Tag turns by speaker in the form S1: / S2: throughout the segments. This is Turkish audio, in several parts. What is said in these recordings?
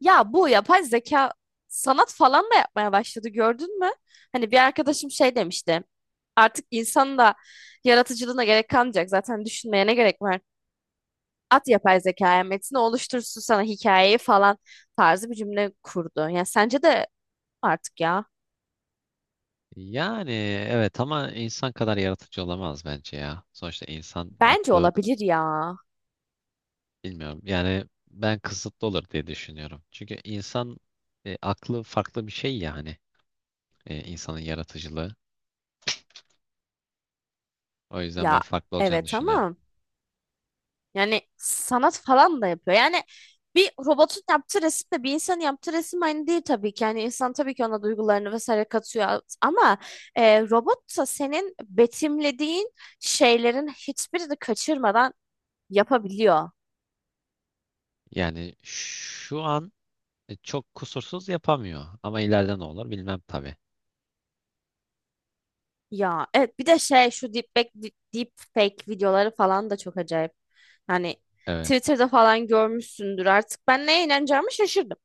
S1: Ya, bu yapay zeka sanat falan da yapmaya başladı, gördün mü? Hani bir arkadaşım şey demişti. Artık insanın da yaratıcılığına gerek kalmayacak. Zaten düşünmeye ne gerek var? At yapay zekaya metni oluştursun, sana hikayeyi falan tarzı bir cümle kurdu. Yani sence de artık ya.
S2: Yani evet ama insan kadar yaratıcı olamaz bence ya. Sonuçta insan
S1: Bence
S2: aklı,
S1: olabilir ya.
S2: bilmiyorum. Yani ben kısıtlı olur diye düşünüyorum. Çünkü insan aklı farklı bir şey, yani insanın yaratıcılığı. O yüzden
S1: Ya
S2: ben farklı olacağını
S1: evet
S2: düşünüyorum.
S1: ama yani sanat falan da yapıyor. Yani bir robotun yaptığı resimle bir insanın yaptığı resim aynı değil tabii ki. Yani insan tabii ki ona duygularını vesaire katıyor. Ama robot da senin betimlediğin şeylerin hiçbirini kaçırmadan yapabiliyor.
S2: Yani şu an çok kusursuz yapamıyor ama ileride ne olur bilmem tabii.
S1: Ya evet, bir de şu deepfake videoları falan da çok acayip. Hani
S2: Evet.
S1: Twitter'da falan görmüşsündür artık. Ben neye inanacağımı şaşırdım.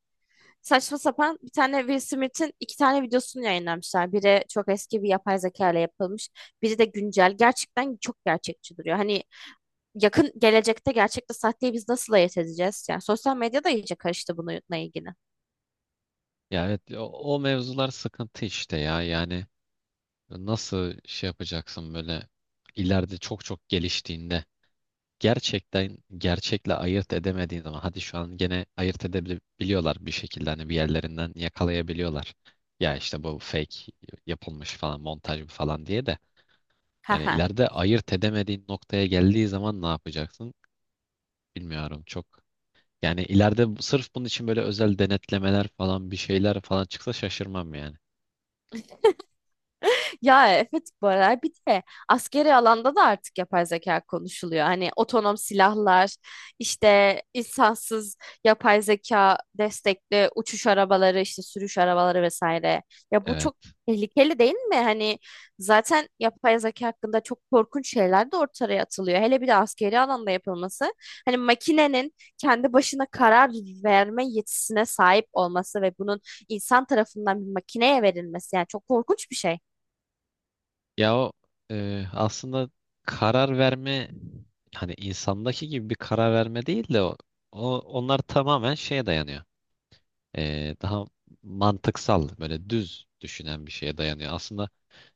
S1: Saçma sapan bir tane Will Smith'in iki tane videosunu yayınlamışlar. Biri çok eski, bir yapay zeka ile yapılmış. Biri de güncel. Gerçekten çok gerçekçi duruyor. Hani yakın gelecekte gerçekte sahteyi biz nasıl ayırt edeceğiz? Yani sosyal medya da iyice karıştı bununla ilgili.
S2: Ya evet, o mevzular sıkıntı işte ya. Yani nasıl şey yapacaksın böyle ileride çok çok geliştiğinde. Gerçekten gerçekle ayırt edemediğin zaman, hadi şu an gene ayırt edebiliyorlar bir şekilde, hani bir yerlerinden yakalayabiliyorlar. Ya işte bu fake yapılmış falan, montaj bu falan diye de, yani ileride ayırt edemediğin noktaya geldiği zaman ne yapacaksın bilmiyorum çok. Yani ileride sırf bunun için böyle özel denetlemeler falan bir şeyler falan çıksa şaşırmam yani.
S1: Ya evet, bu aralar bir de askeri alanda da artık yapay zeka konuşuluyor. Hani otonom silahlar, işte insansız yapay zeka destekli uçuş arabaları, işte sürüş arabaları vesaire. Ya bu
S2: Evet.
S1: çok tehlikeli değil mi? Hani zaten yapay zeka hakkında çok korkunç şeyler de ortaya atılıyor. Hele bir de askeri alanda yapılması. Hani makinenin kendi başına karar verme yetisine sahip olması ve bunun insan tarafından bir makineye verilmesi, yani çok korkunç bir şey.
S2: Ya, aslında karar verme, hani insandaki gibi bir karar verme değil de, o onlar tamamen şeye dayanıyor. Daha mantıksal böyle düz düşünen bir şeye dayanıyor. Aslında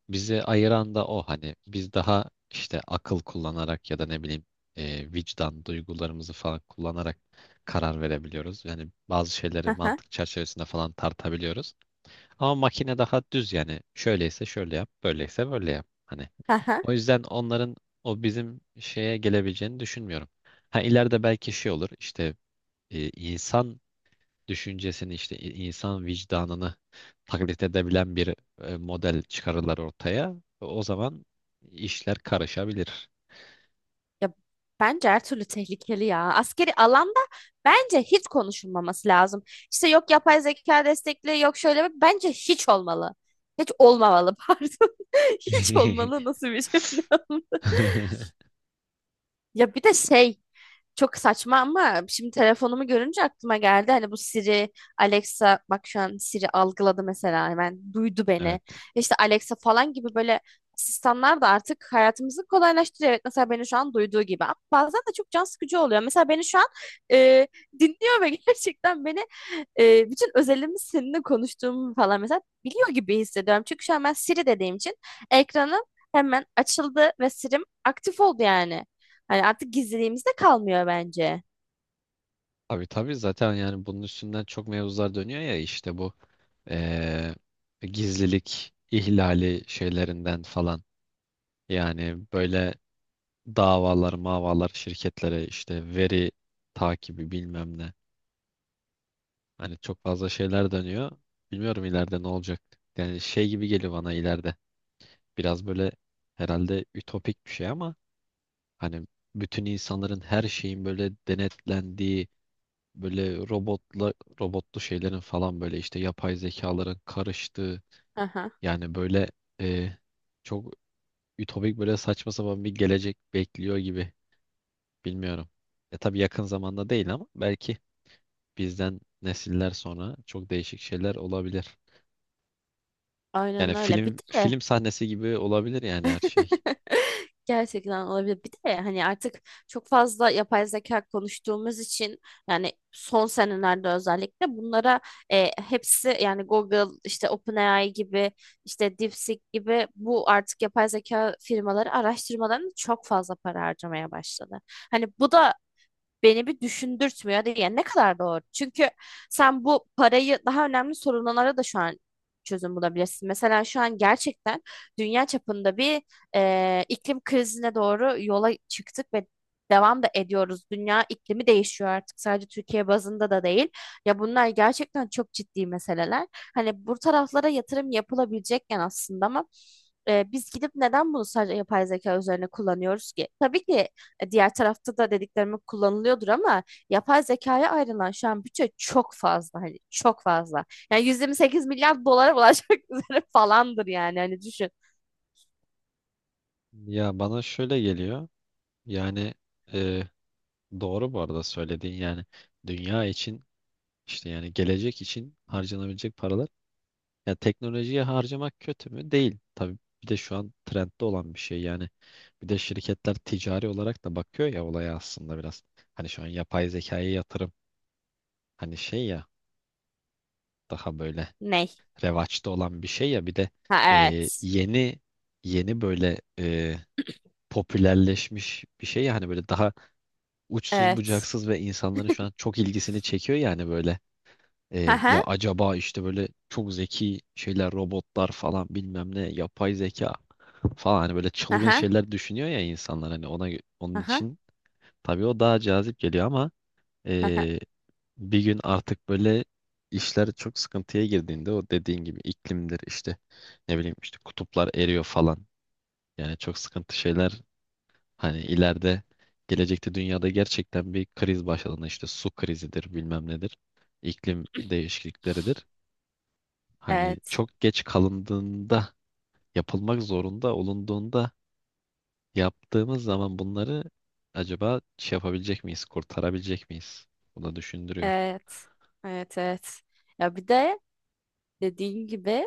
S2: bizi ayıran da o, hani biz daha işte akıl kullanarak ya da ne bileyim, vicdan duygularımızı falan kullanarak karar verebiliyoruz. Yani bazı
S1: Hı
S2: şeyleri
S1: hı,
S2: mantık çerçevesinde falan tartabiliyoruz. Ama makine daha düz, yani şöyleyse şöyle yap, böyleyse böyle yap. Hani
S1: hı hı.
S2: o yüzden onların o bizim şeye gelebileceğini düşünmüyorum. Ha ileride belki şey olur işte, insan düşüncesini işte insan vicdanını taklit edebilen bir model çıkarırlar ortaya. O zaman işler karışabilir.
S1: Ya bence her türlü tehlikeli ya. Askeri alanda bence hiç konuşulmaması lazım. İşte yok yapay zeka destekli, yok şöyle bence hiç olmalı. Hiç olmamalı pardon. Hiç olmalı nasıl bir cümle? Ya bir de şey, çok saçma ama şimdi telefonumu görünce aklıma geldi. Hani bu Siri, Alexa, bak şu an Siri algıladı mesela, hemen duydu beni.
S2: Evet.
S1: İşte Alexa falan gibi böyle asistanlar da artık hayatımızı kolaylaştırıyor. Evet, mesela beni şu an duyduğu gibi, ama bazen de çok can sıkıcı oluyor. Mesela beni şu an e, dinliyor ve gerçekten beni bütün özelimi seninle konuştuğumu falan mesela biliyor gibi hissediyorum. Çünkü şu an ben Siri dediğim için ekranım hemen açıldı ve Siri'm aktif oldu yani. Hani artık gizliliğimiz de kalmıyor bence.
S2: Tabii tabii, zaten yani bunun üstünden çok mevzular dönüyor ya işte bu gizlilik ihlali şeylerinden falan. Yani böyle davalar, mavalar, şirketlere işte veri takibi bilmem ne. Hani çok fazla şeyler dönüyor. Bilmiyorum ileride ne olacak. Yani şey gibi geliyor bana ileride. Biraz böyle herhalde ütopik bir şey ama hani bütün insanların, her şeyin böyle denetlendiği, böyle robotla robotlu şeylerin falan, böyle işte yapay zekaların karıştığı,
S1: Aha,
S2: yani böyle e, çok ütopik, böyle saçma sapan bir gelecek bekliyor gibi. Bilmiyorum. E tabii yakın zamanda değil ama belki bizden nesiller sonra çok değişik şeyler olabilir. Yani
S1: aynen öyle. Bir
S2: film
S1: de
S2: film sahnesi gibi olabilir yani her şey.
S1: gerçekten olabilir. Bir de hani artık çok fazla yapay zeka konuştuğumuz için, yani son senelerde özellikle bunlara hepsi yani Google, işte OpenAI gibi, işte DeepSeek gibi bu artık yapay zeka firmaları araştırmalarını çok fazla para harcamaya başladı. Hani bu da beni bir düşündürtmüyor diye, ne kadar doğru. Çünkü sen bu parayı daha önemli sorunlara da şu an çözüm bulabilirsin. Mesela şu an gerçekten dünya çapında bir iklim krizine doğru yola çıktık ve devam da ediyoruz. Dünya iklimi değişiyor artık, sadece Türkiye bazında da değil. Ya bunlar gerçekten çok ciddi meseleler. Hani bu taraflara yatırım yapılabilecekken aslında, ama biz gidip neden bunu sadece yapay zeka üzerine kullanıyoruz ki? Tabii ki diğer tarafta da dediklerimi kullanılıyordur ama yapay zekaya ayrılan şu an bütçe çok fazla, hani çok fazla. Yani 128 milyar dolara ulaşmak üzere falandır yani, hani düşün.
S2: Ya bana şöyle geliyor. Yani e, doğru bu arada söylediğin, yani dünya için işte, yani gelecek için harcanabilecek paralar. Ya teknolojiye harcamak kötü mü? Değil. Tabii bir de şu an trendde olan bir şey yani. Bir de şirketler ticari olarak da bakıyor ya olaya aslında biraz. Hani şu an yapay zekaya yatırım, hani şey ya, daha böyle
S1: Ney?
S2: revaçta olan bir şey ya, bir de
S1: Ha
S2: e,
S1: evet.
S2: yeni yeni böyle popülerleşmiş bir şey, yani böyle daha uçsuz
S1: Evet.
S2: bucaksız ve insanların şu an çok ilgisini çekiyor, yani böyle ya
S1: Aha.
S2: acaba işte böyle çok zeki şeyler, robotlar falan, bilmem ne, yapay zeka falan, hani böyle çılgın
S1: Aha.
S2: şeyler düşünüyor ya insanlar, hani onun
S1: Aha.
S2: için tabii o daha cazip geliyor ama
S1: Aha.
S2: e, bir gün artık böyle işler çok sıkıntıya girdiğinde, o dediğin gibi iklimdir işte, ne bileyim işte kutuplar eriyor falan, yani çok sıkıntı şeyler. Hani ileride, gelecekte dünyada gerçekten bir kriz başladığında, işte su krizidir, bilmem nedir, iklim değişiklikleridir. Hani
S1: Evet.
S2: çok geç kalındığında, yapılmak zorunda olunduğunda, yaptığımız zaman bunları, acaba şey yapabilecek miyiz? Kurtarabilecek miyiz? Bunu düşündürüyor.
S1: Evet. Evet. Evet. Ya bir de dediğin gibi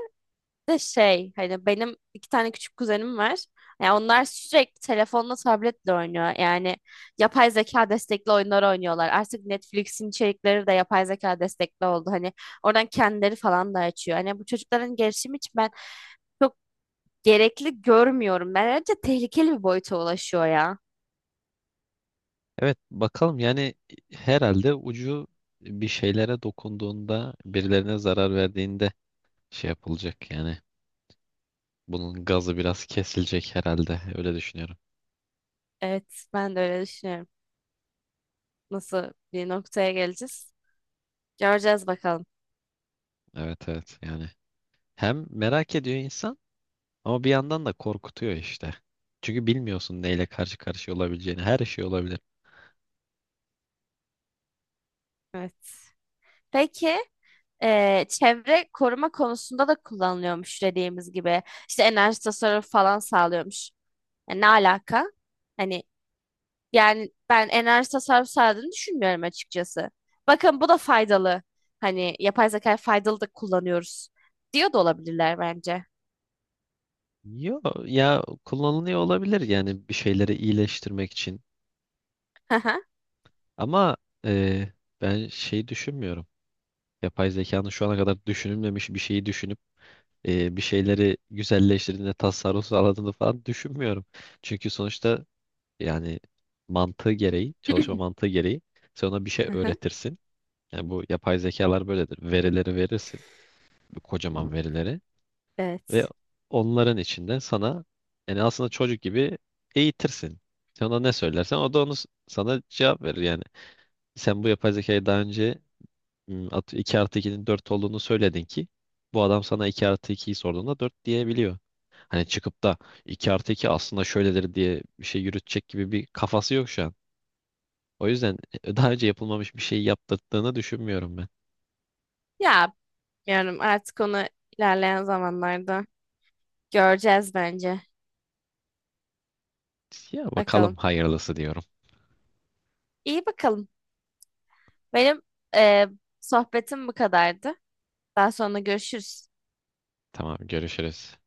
S1: de şey, hani benim iki tane küçük kuzenim var. Yani onlar sürekli telefonla, tabletle oynuyor. Yani yapay zeka destekli oyunlar oynuyorlar. Artık Netflix'in içerikleri de yapay zeka destekli oldu. Hani oradan kendileri falan da açıyor. Hani bu çocukların gelişimi için ben çok gerekli görmüyorum. Bence tehlikeli bir boyuta ulaşıyor ya.
S2: Evet bakalım yani, herhalde ucu bir şeylere dokunduğunda, birilerine zarar verdiğinde şey yapılacak yani. Bunun gazı biraz kesilecek herhalde. Öyle düşünüyorum.
S1: Evet, ben de öyle düşünüyorum. Nasıl bir noktaya geleceğiz? Göreceğiz bakalım.
S2: Evet evet yani. Hem merak ediyor insan ama bir yandan da korkutuyor işte. Çünkü bilmiyorsun neyle karşı karşıya olabileceğini. Her şey olabilir.
S1: Evet. Peki, çevre koruma konusunda da kullanılıyormuş dediğimiz gibi. İşte enerji tasarrufu falan sağlıyormuş. Yani ne alaka? Hani yani ben enerji tasarrufu sağladığını düşünmüyorum açıkçası. Bakın, bu da faydalı. Hani yapay zeka faydalı da, kullanıyoruz diyor da olabilirler bence.
S2: Yo, ya kullanılıyor olabilir yani bir şeyleri iyileştirmek için.
S1: Hı hı.
S2: Ama e, ben şey düşünmüyorum. Yapay zekanın şu ana kadar düşünülmemiş bir şeyi düşünüp bir şeyleri güzelleştirdiğinde, tasarruf sağladığını falan düşünmüyorum. Çünkü sonuçta, yani mantığı gereği, çalışma mantığı gereği sen ona bir şey
S1: Hı hı.
S2: öğretirsin. Yani bu yapay zekalar böyledir. Verileri verirsin, bu kocaman verileri, ve
S1: Evet.
S2: onların içinde sana, yani aslında çocuk gibi eğitirsin. Sen ona ne söylersen o da onu sana cevap verir yani. Sen bu yapay zekayı daha önce 2 artı 2'nin 4 olduğunu söyledin ki bu adam sana 2 artı 2'yi sorduğunda 4 diyebiliyor. Hani çıkıp da 2 artı 2 aslında şöyledir diye bir şey yürütecek gibi bir kafası yok şu an. O yüzden daha önce yapılmamış bir şey yaptırdığını düşünmüyorum ben.
S1: Ya bilmiyorum, artık onu ilerleyen zamanlarda göreceğiz bence.
S2: Ya bakalım
S1: Bakalım.
S2: hayırlısı diyorum.
S1: İyi bakalım. Benim e, sohbetim bu kadardı. Daha sonra görüşürüz.
S2: Tamam, görüşürüz.